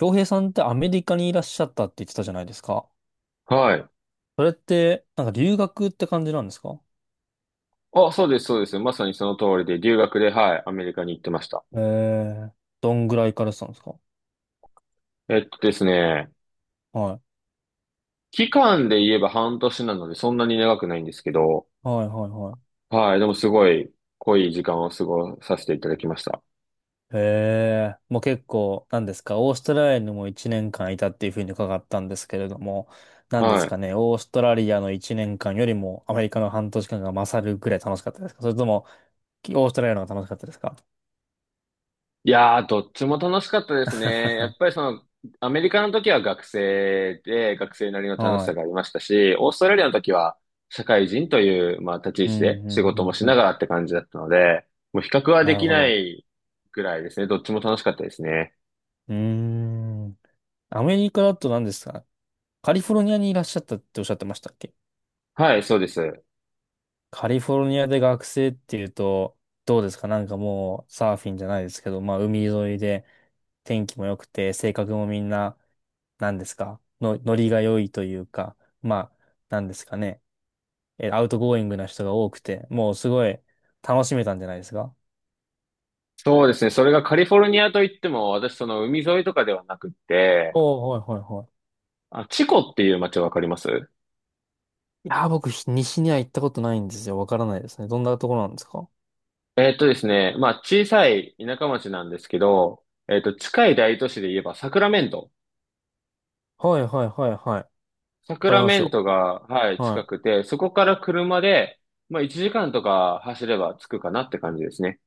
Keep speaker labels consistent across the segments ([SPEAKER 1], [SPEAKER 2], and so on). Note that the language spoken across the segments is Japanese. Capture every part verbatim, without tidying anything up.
[SPEAKER 1] 洋平さんってアメリカにいらっしゃったって言ってたじゃないですか。
[SPEAKER 2] はい。
[SPEAKER 1] それって、なんか留学って感じなんですか？
[SPEAKER 2] あ、そうです、そうです。まさにその通りで、留学で、はい、アメリカに行ってました。
[SPEAKER 1] ええ。どんぐらい行かれてたんですか？
[SPEAKER 2] えっとですね、
[SPEAKER 1] はい。
[SPEAKER 2] 期間で言えば半年なので、そんなに長くないんですけど、
[SPEAKER 1] はいはいはい。
[SPEAKER 2] はい、でもすごい濃い時間を過ごさせていただきました。
[SPEAKER 1] へえ、もう結構、なんですか、オーストラリアにもいちねんかんいたっていうふうに伺ったんですけれども、なんで
[SPEAKER 2] は
[SPEAKER 1] す
[SPEAKER 2] い。
[SPEAKER 1] かね、オーストラリアのいちねんかんよりもアメリカの半年間が勝るぐらい楽しかったですか？それとも、オーストラリアの方が楽しかったですか？
[SPEAKER 2] いやー、どっちも楽しかったですね。や っぱりその、アメリカの時は学生で、学生なりの楽し
[SPEAKER 1] は
[SPEAKER 2] さ
[SPEAKER 1] い。
[SPEAKER 2] がありましたし、オーストラリアの時は社会人という、まあ、立ち位
[SPEAKER 1] うん、
[SPEAKER 2] 置で
[SPEAKER 1] う
[SPEAKER 2] 仕
[SPEAKER 1] ん、う
[SPEAKER 2] 事も
[SPEAKER 1] ん、
[SPEAKER 2] し
[SPEAKER 1] う
[SPEAKER 2] なが
[SPEAKER 1] ん。
[SPEAKER 2] らって感じだったので、もう比較は
[SPEAKER 1] な
[SPEAKER 2] で
[SPEAKER 1] る
[SPEAKER 2] き
[SPEAKER 1] ほ
[SPEAKER 2] な
[SPEAKER 1] ど。
[SPEAKER 2] いぐらいですね。どっちも楽しかったですね。
[SPEAKER 1] うーん。アメリカだと何ですか？カリフォルニアにいらっしゃったっておっしゃってましたっけ？
[SPEAKER 2] はい、そうです。
[SPEAKER 1] カリフォルニアで学生っていうと、どうですか？なんかもうサーフィンじゃないですけど、まあ海沿いで天気も良くて、性格もみんな、何ですかの、ノリが良いというか、まあ、何ですかね。え、アウトゴーイングな人が多くて、もうすごい楽しめたんじゃないですか？
[SPEAKER 2] そうですね。それがカリフォルニアといっても、私その海沿いとかではなくって、
[SPEAKER 1] おおー、はいはいはい。
[SPEAKER 2] あ、チコっていう街わかります？
[SPEAKER 1] いやー、僕、ひ西には行ったことないんですよ。わからないですね。どんなところなんですか？
[SPEAKER 2] えーっとですね、まあ、小さい田舎町なんですけど、えーっと、近い大都市で言えばサクラメント。
[SPEAKER 1] はいはいはいはい。わ
[SPEAKER 2] サク
[SPEAKER 1] かり
[SPEAKER 2] ラ
[SPEAKER 1] ます
[SPEAKER 2] メン
[SPEAKER 1] よ。
[SPEAKER 2] トが、はい、
[SPEAKER 1] は
[SPEAKER 2] 近く
[SPEAKER 1] い。
[SPEAKER 2] て、そこから車で、まあ、いちじかんとか走れば着くかなって感じですね。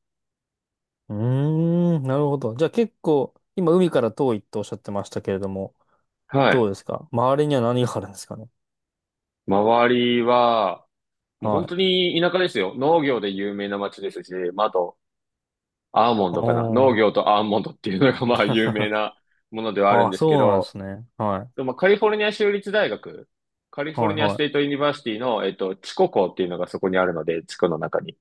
[SPEAKER 1] うーん、なるほど。じゃあ結構、今海から遠いっておっしゃってましたけれども、
[SPEAKER 2] は
[SPEAKER 1] ど
[SPEAKER 2] い。
[SPEAKER 1] うですか？周りには何があるんですかね？
[SPEAKER 2] 周りは、もう
[SPEAKER 1] は
[SPEAKER 2] 本
[SPEAKER 1] い。
[SPEAKER 2] 当に田舎ですよ。農業で有名な町ですし、まあ、あと、アーモン
[SPEAKER 1] あ
[SPEAKER 2] ドかな。農
[SPEAKER 1] ー。
[SPEAKER 2] 業とアーモンドっていうのが、まあ、有名 なものではあるん
[SPEAKER 1] あ、
[SPEAKER 2] ですけ
[SPEAKER 1] そうなんで
[SPEAKER 2] ど、
[SPEAKER 1] すね。は
[SPEAKER 2] で
[SPEAKER 1] い。
[SPEAKER 2] もカリフォルニア州立大学、カリフォ
[SPEAKER 1] は
[SPEAKER 2] ル
[SPEAKER 1] い、
[SPEAKER 2] ニアス
[SPEAKER 1] は
[SPEAKER 2] テー
[SPEAKER 1] い。
[SPEAKER 2] トユニバーシティの、えっと、地コ校っていうのがそこにあるので、地区の中に。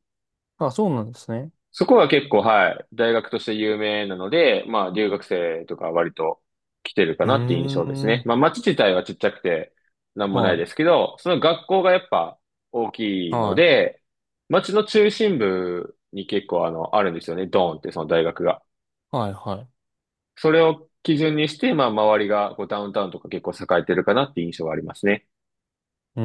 [SPEAKER 1] あ、そうなんですね。
[SPEAKER 2] そこは結構、はい、大学として有名なので、まあ、留学生とか割と来てるか
[SPEAKER 1] うー
[SPEAKER 2] なっていう印象ですね。
[SPEAKER 1] ん。
[SPEAKER 2] まあ、町自体はちっちゃくて、なんもな
[SPEAKER 1] は
[SPEAKER 2] い
[SPEAKER 1] い。
[SPEAKER 2] ですけど、その学校がやっぱ大きいの
[SPEAKER 1] はい。
[SPEAKER 2] で、町の中心部に結構あの、あるんですよね。ドーンってその大学が。
[SPEAKER 1] はい、はい。
[SPEAKER 2] それを基準にして、まあ、周りがこうダウンタウンとか結構栄えてるかなっていう印象がありますね。
[SPEAKER 1] うー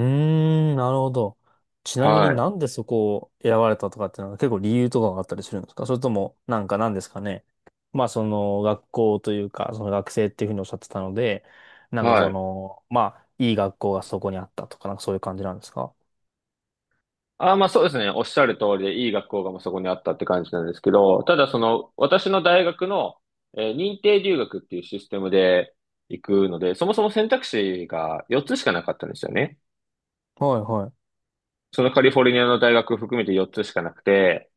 [SPEAKER 1] ん、なるほど。ちなみに
[SPEAKER 2] はい。
[SPEAKER 1] なんでそこを選ばれたとかっていうのは結構理由とかがあったりするんですか？それとも、なんか何ですかね。まあその学校というか、その学生っていうふうにおっしゃってたので、なんか
[SPEAKER 2] は
[SPEAKER 1] そ
[SPEAKER 2] い。
[SPEAKER 1] の、まあいい学校がそこにあったとか、なんかそういう感じなんですか？
[SPEAKER 2] あー、まあそうですね。おっしゃる通りで、いい学校がもうそこにあったって感じなんですけど、ただその、私の大学の、えー認定留学っていうシステムで行くので、そもそも選択肢がよっつしかなかったんですよね。
[SPEAKER 1] はいは
[SPEAKER 2] そのカリフォルニアの大学含めてよっつしかなくて、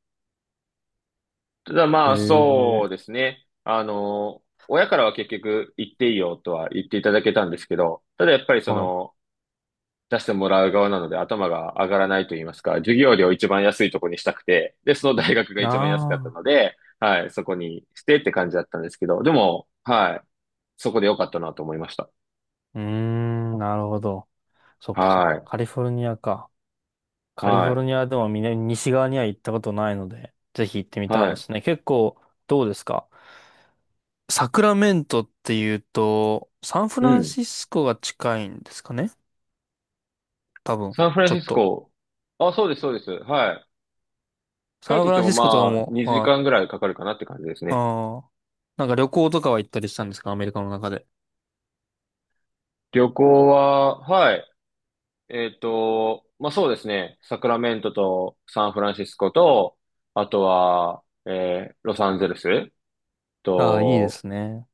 [SPEAKER 2] ただ
[SPEAKER 1] い。
[SPEAKER 2] ま
[SPEAKER 1] へ
[SPEAKER 2] あそ
[SPEAKER 1] え、
[SPEAKER 2] うですね。あの、親からは結局行っていいよとは言っていただけたんですけど、ただやっぱりそ
[SPEAKER 1] はい。
[SPEAKER 2] の、出してもらう側なので頭が上がらないと言いますか、授業料を一番安いとこにしたくて、で、その大学が一番安かった
[SPEAKER 1] ああ、
[SPEAKER 2] ので、はい、そこにしてって感じだったんですけど、でも、はい、そこで良かったなと思いました。
[SPEAKER 1] うーん、なるほど。そっかそっ
[SPEAKER 2] は
[SPEAKER 1] か。
[SPEAKER 2] い、
[SPEAKER 1] カリフォルニアか。カリフォ
[SPEAKER 2] は
[SPEAKER 1] ルニアでも南、西側には行ったことないので、ぜひ行ってみ
[SPEAKER 2] い、
[SPEAKER 1] たい
[SPEAKER 2] は
[SPEAKER 1] です
[SPEAKER 2] い。
[SPEAKER 1] ね。結構、どうですか？サクラメントっていうと、サンフ
[SPEAKER 2] う
[SPEAKER 1] ラン
[SPEAKER 2] ん。
[SPEAKER 1] シスコが近いんですかね？多分、
[SPEAKER 2] サンフラン
[SPEAKER 1] ちょ
[SPEAKER 2] シ
[SPEAKER 1] っ
[SPEAKER 2] ス
[SPEAKER 1] と。
[SPEAKER 2] コ。あ、そうです、そうです。はい。帰
[SPEAKER 1] サ
[SPEAKER 2] っ
[SPEAKER 1] ン
[SPEAKER 2] て
[SPEAKER 1] フ
[SPEAKER 2] きて
[SPEAKER 1] ラン
[SPEAKER 2] も
[SPEAKER 1] シスコとか
[SPEAKER 2] まあ、
[SPEAKER 1] も、
[SPEAKER 2] 2
[SPEAKER 1] は
[SPEAKER 2] 時間
[SPEAKER 1] い。
[SPEAKER 2] ぐらいかかるかなって感じですね。
[SPEAKER 1] ああ。なんか旅行とかは行ったりしたんですか？アメリカの中で。
[SPEAKER 2] 旅行は、はい。えっと、まあ、そうですね。サクラメントとサンフランシスコと、あとは、えーロサンゼルス
[SPEAKER 1] ああ、いいで
[SPEAKER 2] と、
[SPEAKER 1] すね。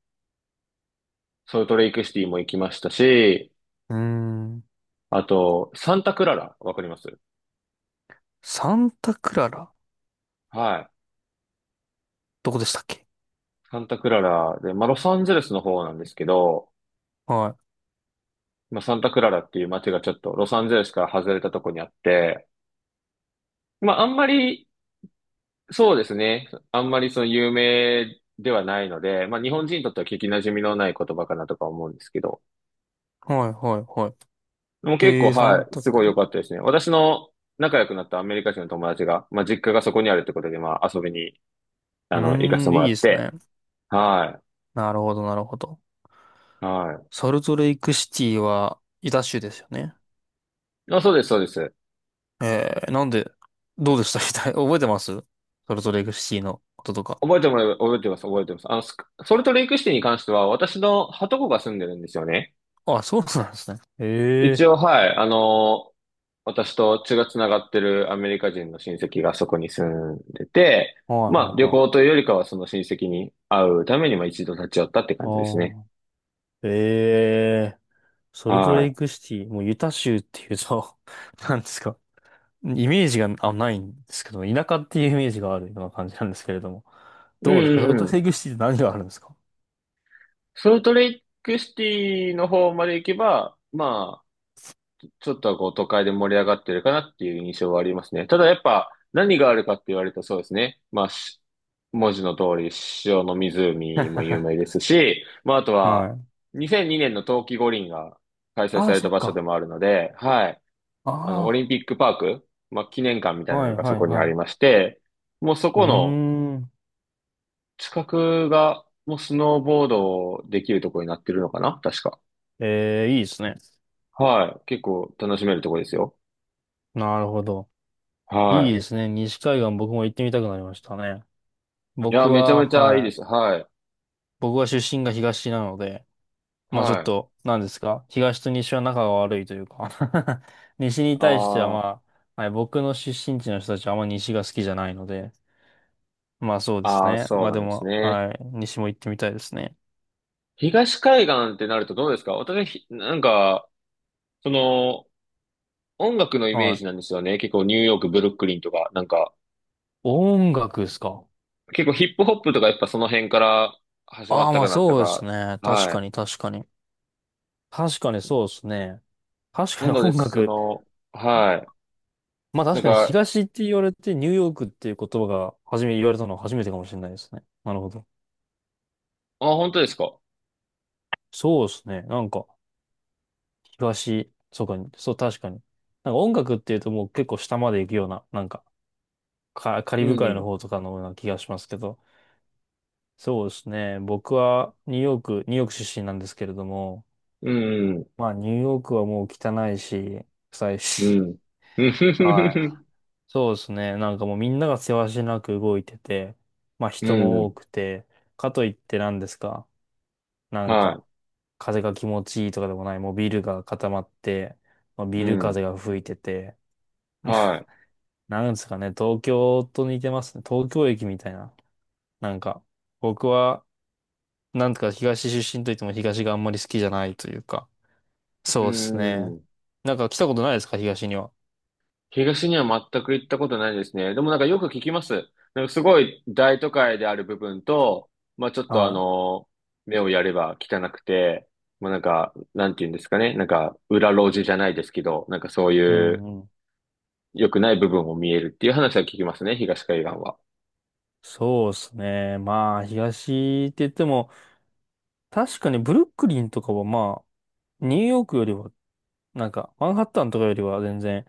[SPEAKER 2] ソルトレイクシティも行きましたし、
[SPEAKER 1] うーん。
[SPEAKER 2] あと、サンタクララ、わかります？
[SPEAKER 1] サンタクララ？
[SPEAKER 2] はい。
[SPEAKER 1] どこでしたっけ？
[SPEAKER 2] サンタクララで、まあ、ロサンゼルスの方なんですけど、
[SPEAKER 1] は
[SPEAKER 2] まあ、サンタクララっていう街がちょっとロサンゼルスから外れたとこにあって、まあ、あんまり、そうですね。あんまりその有名ではないので、まあ、日本人にとっては聞き馴染みのない言葉かなとか思うんですけど、
[SPEAKER 1] い。はい、はい、は
[SPEAKER 2] もう
[SPEAKER 1] い。
[SPEAKER 2] 結
[SPEAKER 1] へ
[SPEAKER 2] 構、
[SPEAKER 1] え、サン
[SPEAKER 2] はい、
[SPEAKER 1] タ
[SPEAKER 2] すご
[SPEAKER 1] ク
[SPEAKER 2] い良
[SPEAKER 1] ラ。
[SPEAKER 2] かったですね。私の仲良くなったアメリカ人の友達が、まあ、実家がそこにあるってことで、まあ、遊びに、
[SPEAKER 1] う
[SPEAKER 2] あの、行かせ
[SPEAKER 1] ー
[SPEAKER 2] て
[SPEAKER 1] ん、
[SPEAKER 2] も
[SPEAKER 1] い
[SPEAKER 2] ら
[SPEAKER 1] いで
[SPEAKER 2] っ
[SPEAKER 1] すね。
[SPEAKER 2] て、は
[SPEAKER 1] なるほど、なるほど。
[SPEAKER 2] い、は
[SPEAKER 1] ソルトレイクシティは、ユタ州ですよね。
[SPEAKER 2] い。あ、そうです、そうです。
[SPEAKER 1] えー、なんで、どうでした？ 覚えてます？ソルトレイクシティのこととか。
[SPEAKER 2] 覚えてもらえば、覚えてます、覚えてます。あの、スクソルトレイクシティに関しては、私のはとこが住んでるんですよね。
[SPEAKER 1] あ、そうなんですね。え
[SPEAKER 2] 一
[SPEAKER 1] え。
[SPEAKER 2] 応、はい、あの、私と血がつながってるアメリカ人の親戚がそこに住んでて、
[SPEAKER 1] はいは
[SPEAKER 2] まあ、
[SPEAKER 1] い
[SPEAKER 2] 旅
[SPEAKER 1] はい。
[SPEAKER 2] 行というよりかは、その親戚に会うために、まあ、一度立ち寄ったって
[SPEAKER 1] あ
[SPEAKER 2] 感じですね。
[SPEAKER 1] あ、ええ。ソルトレ
[SPEAKER 2] は
[SPEAKER 1] イクシティ、もうユタ州っていうと なんですか。イメージがあ、ないんですけど、田舎っていうイメージがあるような感じなんですけれども。
[SPEAKER 2] い。う
[SPEAKER 1] どうですか？ソルト
[SPEAKER 2] んう
[SPEAKER 1] レ
[SPEAKER 2] ん。
[SPEAKER 1] イクシティって何があるんですか？
[SPEAKER 2] ソルトレイクシティの方まで行けば、まあ、ちょっとはこう都会で盛り上がってるかなっていう印象はありますね。ただやっぱ何があるかって言われるとそうですね。まあ、し文字の通り塩の湖も 有名ですし、まああと
[SPEAKER 1] は
[SPEAKER 2] は
[SPEAKER 1] い。
[SPEAKER 2] にせんにねんの冬季五輪が開催
[SPEAKER 1] あ
[SPEAKER 2] さ
[SPEAKER 1] あ、
[SPEAKER 2] れ
[SPEAKER 1] そ
[SPEAKER 2] た
[SPEAKER 1] っ
[SPEAKER 2] 場所で
[SPEAKER 1] か。
[SPEAKER 2] もあるので、はい。あの、オ
[SPEAKER 1] あ
[SPEAKER 2] リンピックパーク、まあ記念館みた
[SPEAKER 1] あ、
[SPEAKER 2] いな
[SPEAKER 1] は
[SPEAKER 2] の
[SPEAKER 1] い
[SPEAKER 2] がそ
[SPEAKER 1] はい
[SPEAKER 2] こにあ
[SPEAKER 1] は
[SPEAKER 2] りま
[SPEAKER 1] い。
[SPEAKER 2] して、もうそ
[SPEAKER 1] うー
[SPEAKER 2] この
[SPEAKER 1] ん。
[SPEAKER 2] 近くがもうスノーボードできるところになってるのかな確か。
[SPEAKER 1] ええ、いいですね。
[SPEAKER 2] はい。結構楽しめるとこですよ。
[SPEAKER 1] なるほど。いい
[SPEAKER 2] は
[SPEAKER 1] ですね。西海岸僕も行ってみたくなりましたね。
[SPEAKER 2] い。いや、
[SPEAKER 1] 僕
[SPEAKER 2] めちゃ
[SPEAKER 1] は、
[SPEAKER 2] めちゃいいで
[SPEAKER 1] は
[SPEAKER 2] す。
[SPEAKER 1] い。
[SPEAKER 2] はい。
[SPEAKER 1] 僕は出身が東なので、まあちょ
[SPEAKER 2] は
[SPEAKER 1] っ
[SPEAKER 2] い。
[SPEAKER 1] と、なんですか。東と西は仲が悪いというか、 西に対しては
[SPEAKER 2] ああ、
[SPEAKER 1] まあ、はい、僕の出身地の人たちはあんま西が好きじゃないので、まあそうです
[SPEAKER 2] ああ、
[SPEAKER 1] ね。
[SPEAKER 2] そう
[SPEAKER 1] まあ
[SPEAKER 2] な
[SPEAKER 1] で
[SPEAKER 2] んです
[SPEAKER 1] も、
[SPEAKER 2] ね。
[SPEAKER 1] はい。西も行ってみたいですね。
[SPEAKER 2] 東海岸ってなるとどうですか？私、ひなんか、その、音楽のイメ
[SPEAKER 1] は
[SPEAKER 2] ージなんで
[SPEAKER 1] い。
[SPEAKER 2] すよね。結構ニューヨーク、ブルックリンとか、なんか、
[SPEAKER 1] 音楽ですか？
[SPEAKER 2] 結構ヒップホップとかやっぱその辺から始ま
[SPEAKER 1] あ
[SPEAKER 2] っ
[SPEAKER 1] あ、
[SPEAKER 2] た
[SPEAKER 1] ま
[SPEAKER 2] か
[SPEAKER 1] あ
[SPEAKER 2] なった
[SPEAKER 1] そうです
[SPEAKER 2] か。
[SPEAKER 1] ね。確
[SPEAKER 2] は
[SPEAKER 1] か
[SPEAKER 2] い。
[SPEAKER 1] に確かに。確かにそうですね。確か
[SPEAKER 2] な
[SPEAKER 1] に
[SPEAKER 2] ので、
[SPEAKER 1] 音
[SPEAKER 2] そ
[SPEAKER 1] 楽。
[SPEAKER 2] の、はい。
[SPEAKER 1] まあ
[SPEAKER 2] な
[SPEAKER 1] 確
[SPEAKER 2] ん
[SPEAKER 1] かに
[SPEAKER 2] か、
[SPEAKER 1] 東って言われてニューヨークっていう言葉が初め言われたのは初めてかもしれないですね。なるほど。
[SPEAKER 2] あ、本当ですか？
[SPEAKER 1] そうですね。なんか東、そうか、そう確かに。なんか音楽っていうともう結構下まで行くような、なんかカ、カリ
[SPEAKER 2] う
[SPEAKER 1] ブ海の
[SPEAKER 2] ん。
[SPEAKER 1] 方とかのような気がしますけど。そうですね。僕はニューヨーク、ニューヨーク出身なんですけれども、
[SPEAKER 2] うん。
[SPEAKER 1] まあニューヨークはもう汚いし、臭い
[SPEAKER 2] う
[SPEAKER 1] し。
[SPEAKER 2] ん。う
[SPEAKER 1] は
[SPEAKER 2] ん。
[SPEAKER 1] い。そうですね。なんかもうみんながせわしなく動いてて、まあ
[SPEAKER 2] う
[SPEAKER 1] 人も多
[SPEAKER 2] ん。
[SPEAKER 1] くて、かといって何ですか？なんか、
[SPEAKER 2] は
[SPEAKER 1] 風が気持ちいいとかでもない、もうビルが固まって、まあ、
[SPEAKER 2] い。
[SPEAKER 1] ビ
[SPEAKER 2] う
[SPEAKER 1] ル
[SPEAKER 2] ん。
[SPEAKER 1] 風が吹いてて、
[SPEAKER 2] は
[SPEAKER 1] なんですかね、東京と似てますね。東京駅みたいな。なんか、僕は、なんとか東出身といっても東があんまり好きじゃないというか、
[SPEAKER 2] い。う
[SPEAKER 1] そうですね。
[SPEAKER 2] ん。
[SPEAKER 1] なんか来たことないですか、東には。
[SPEAKER 2] 東には全く行ったことないですね。でもなんかよく聞きます。なんかすごい大都会である部分と、まあちょっとあ
[SPEAKER 1] はい。
[SPEAKER 2] の、目をやれば汚くて、まあなんか、なんて言うんですかね。なんか、裏路地じゃないですけど、なんかそうい
[SPEAKER 1] う
[SPEAKER 2] う
[SPEAKER 1] んうん。
[SPEAKER 2] 良くない部分を見えるっていう話は聞きますね、東海岸は。
[SPEAKER 1] そうですね。まあ、東って言っても、確かにブルックリンとかはまあ、ニューヨークよりは、なんか、マンハッタンとかよりは全然、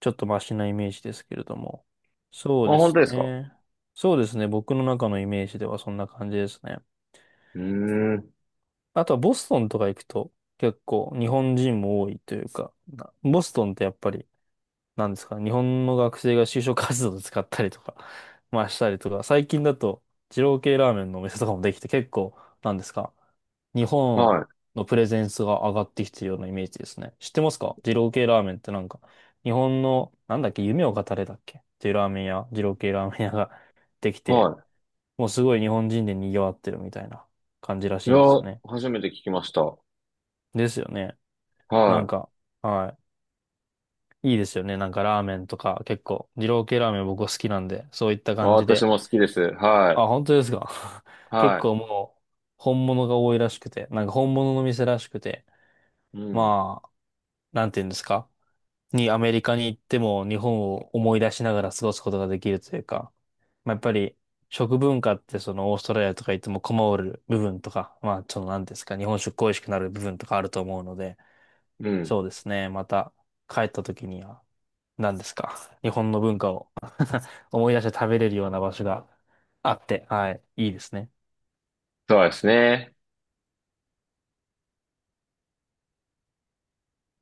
[SPEAKER 1] ちょっとマシなイメージですけれども。そ
[SPEAKER 2] あ、
[SPEAKER 1] うで
[SPEAKER 2] 本
[SPEAKER 1] す
[SPEAKER 2] 当ですか？
[SPEAKER 1] ね。そうですね。僕の中のイメージではそんな感じですね。
[SPEAKER 2] うーん。
[SPEAKER 1] あとはボストンとか行くと結構日本人も多いというか、なボストンってやっぱりなんですか、日本の学生が就職活動で使ったりとか、まあしたりとか、最近だと、二郎系ラーメンのお店とかもできて、結構、なんですか、日本
[SPEAKER 2] はい。
[SPEAKER 1] のプレゼンスが上がってきてるようなイメージですね。知ってますか？二郎系ラーメンって、なんか、日本の、なんだっけ、夢を語れだっけっていうラーメン屋、二郎系ラーメン屋が できて、
[SPEAKER 2] は
[SPEAKER 1] もうすごい日本人で賑わってるみたいな感じらし
[SPEAKER 2] い。い
[SPEAKER 1] い
[SPEAKER 2] や、
[SPEAKER 1] んですよね。
[SPEAKER 2] 初めて聞きました。はい。
[SPEAKER 1] ですよね。なん
[SPEAKER 2] あ、
[SPEAKER 1] か、はい。いいですよね。なんかラーメンとか結構、二郎系ラーメン僕は好きなんで、そういった感じ
[SPEAKER 2] 私
[SPEAKER 1] で。
[SPEAKER 2] も好きです。は
[SPEAKER 1] あ、本当ですか。
[SPEAKER 2] い。
[SPEAKER 1] 結
[SPEAKER 2] は
[SPEAKER 1] 構もう、本物が多いらしくて、なんか本物の店らしくて、
[SPEAKER 2] い。うん。
[SPEAKER 1] まあ、なんていうんですか。にアメリカに行っても日本を思い出しながら過ごすことができるというか、まあ、やっぱり食文化ってそのオーストラリアとか行っても困る部分とか、まあそのなんていうんですか、日本食恋しくなる部分とかあると思うので、
[SPEAKER 2] うん。
[SPEAKER 1] そうですね。また帰った時には、何ですか。日本の文化を思い出して食べれるような場所があって、はい、いいですね。
[SPEAKER 2] そうですね。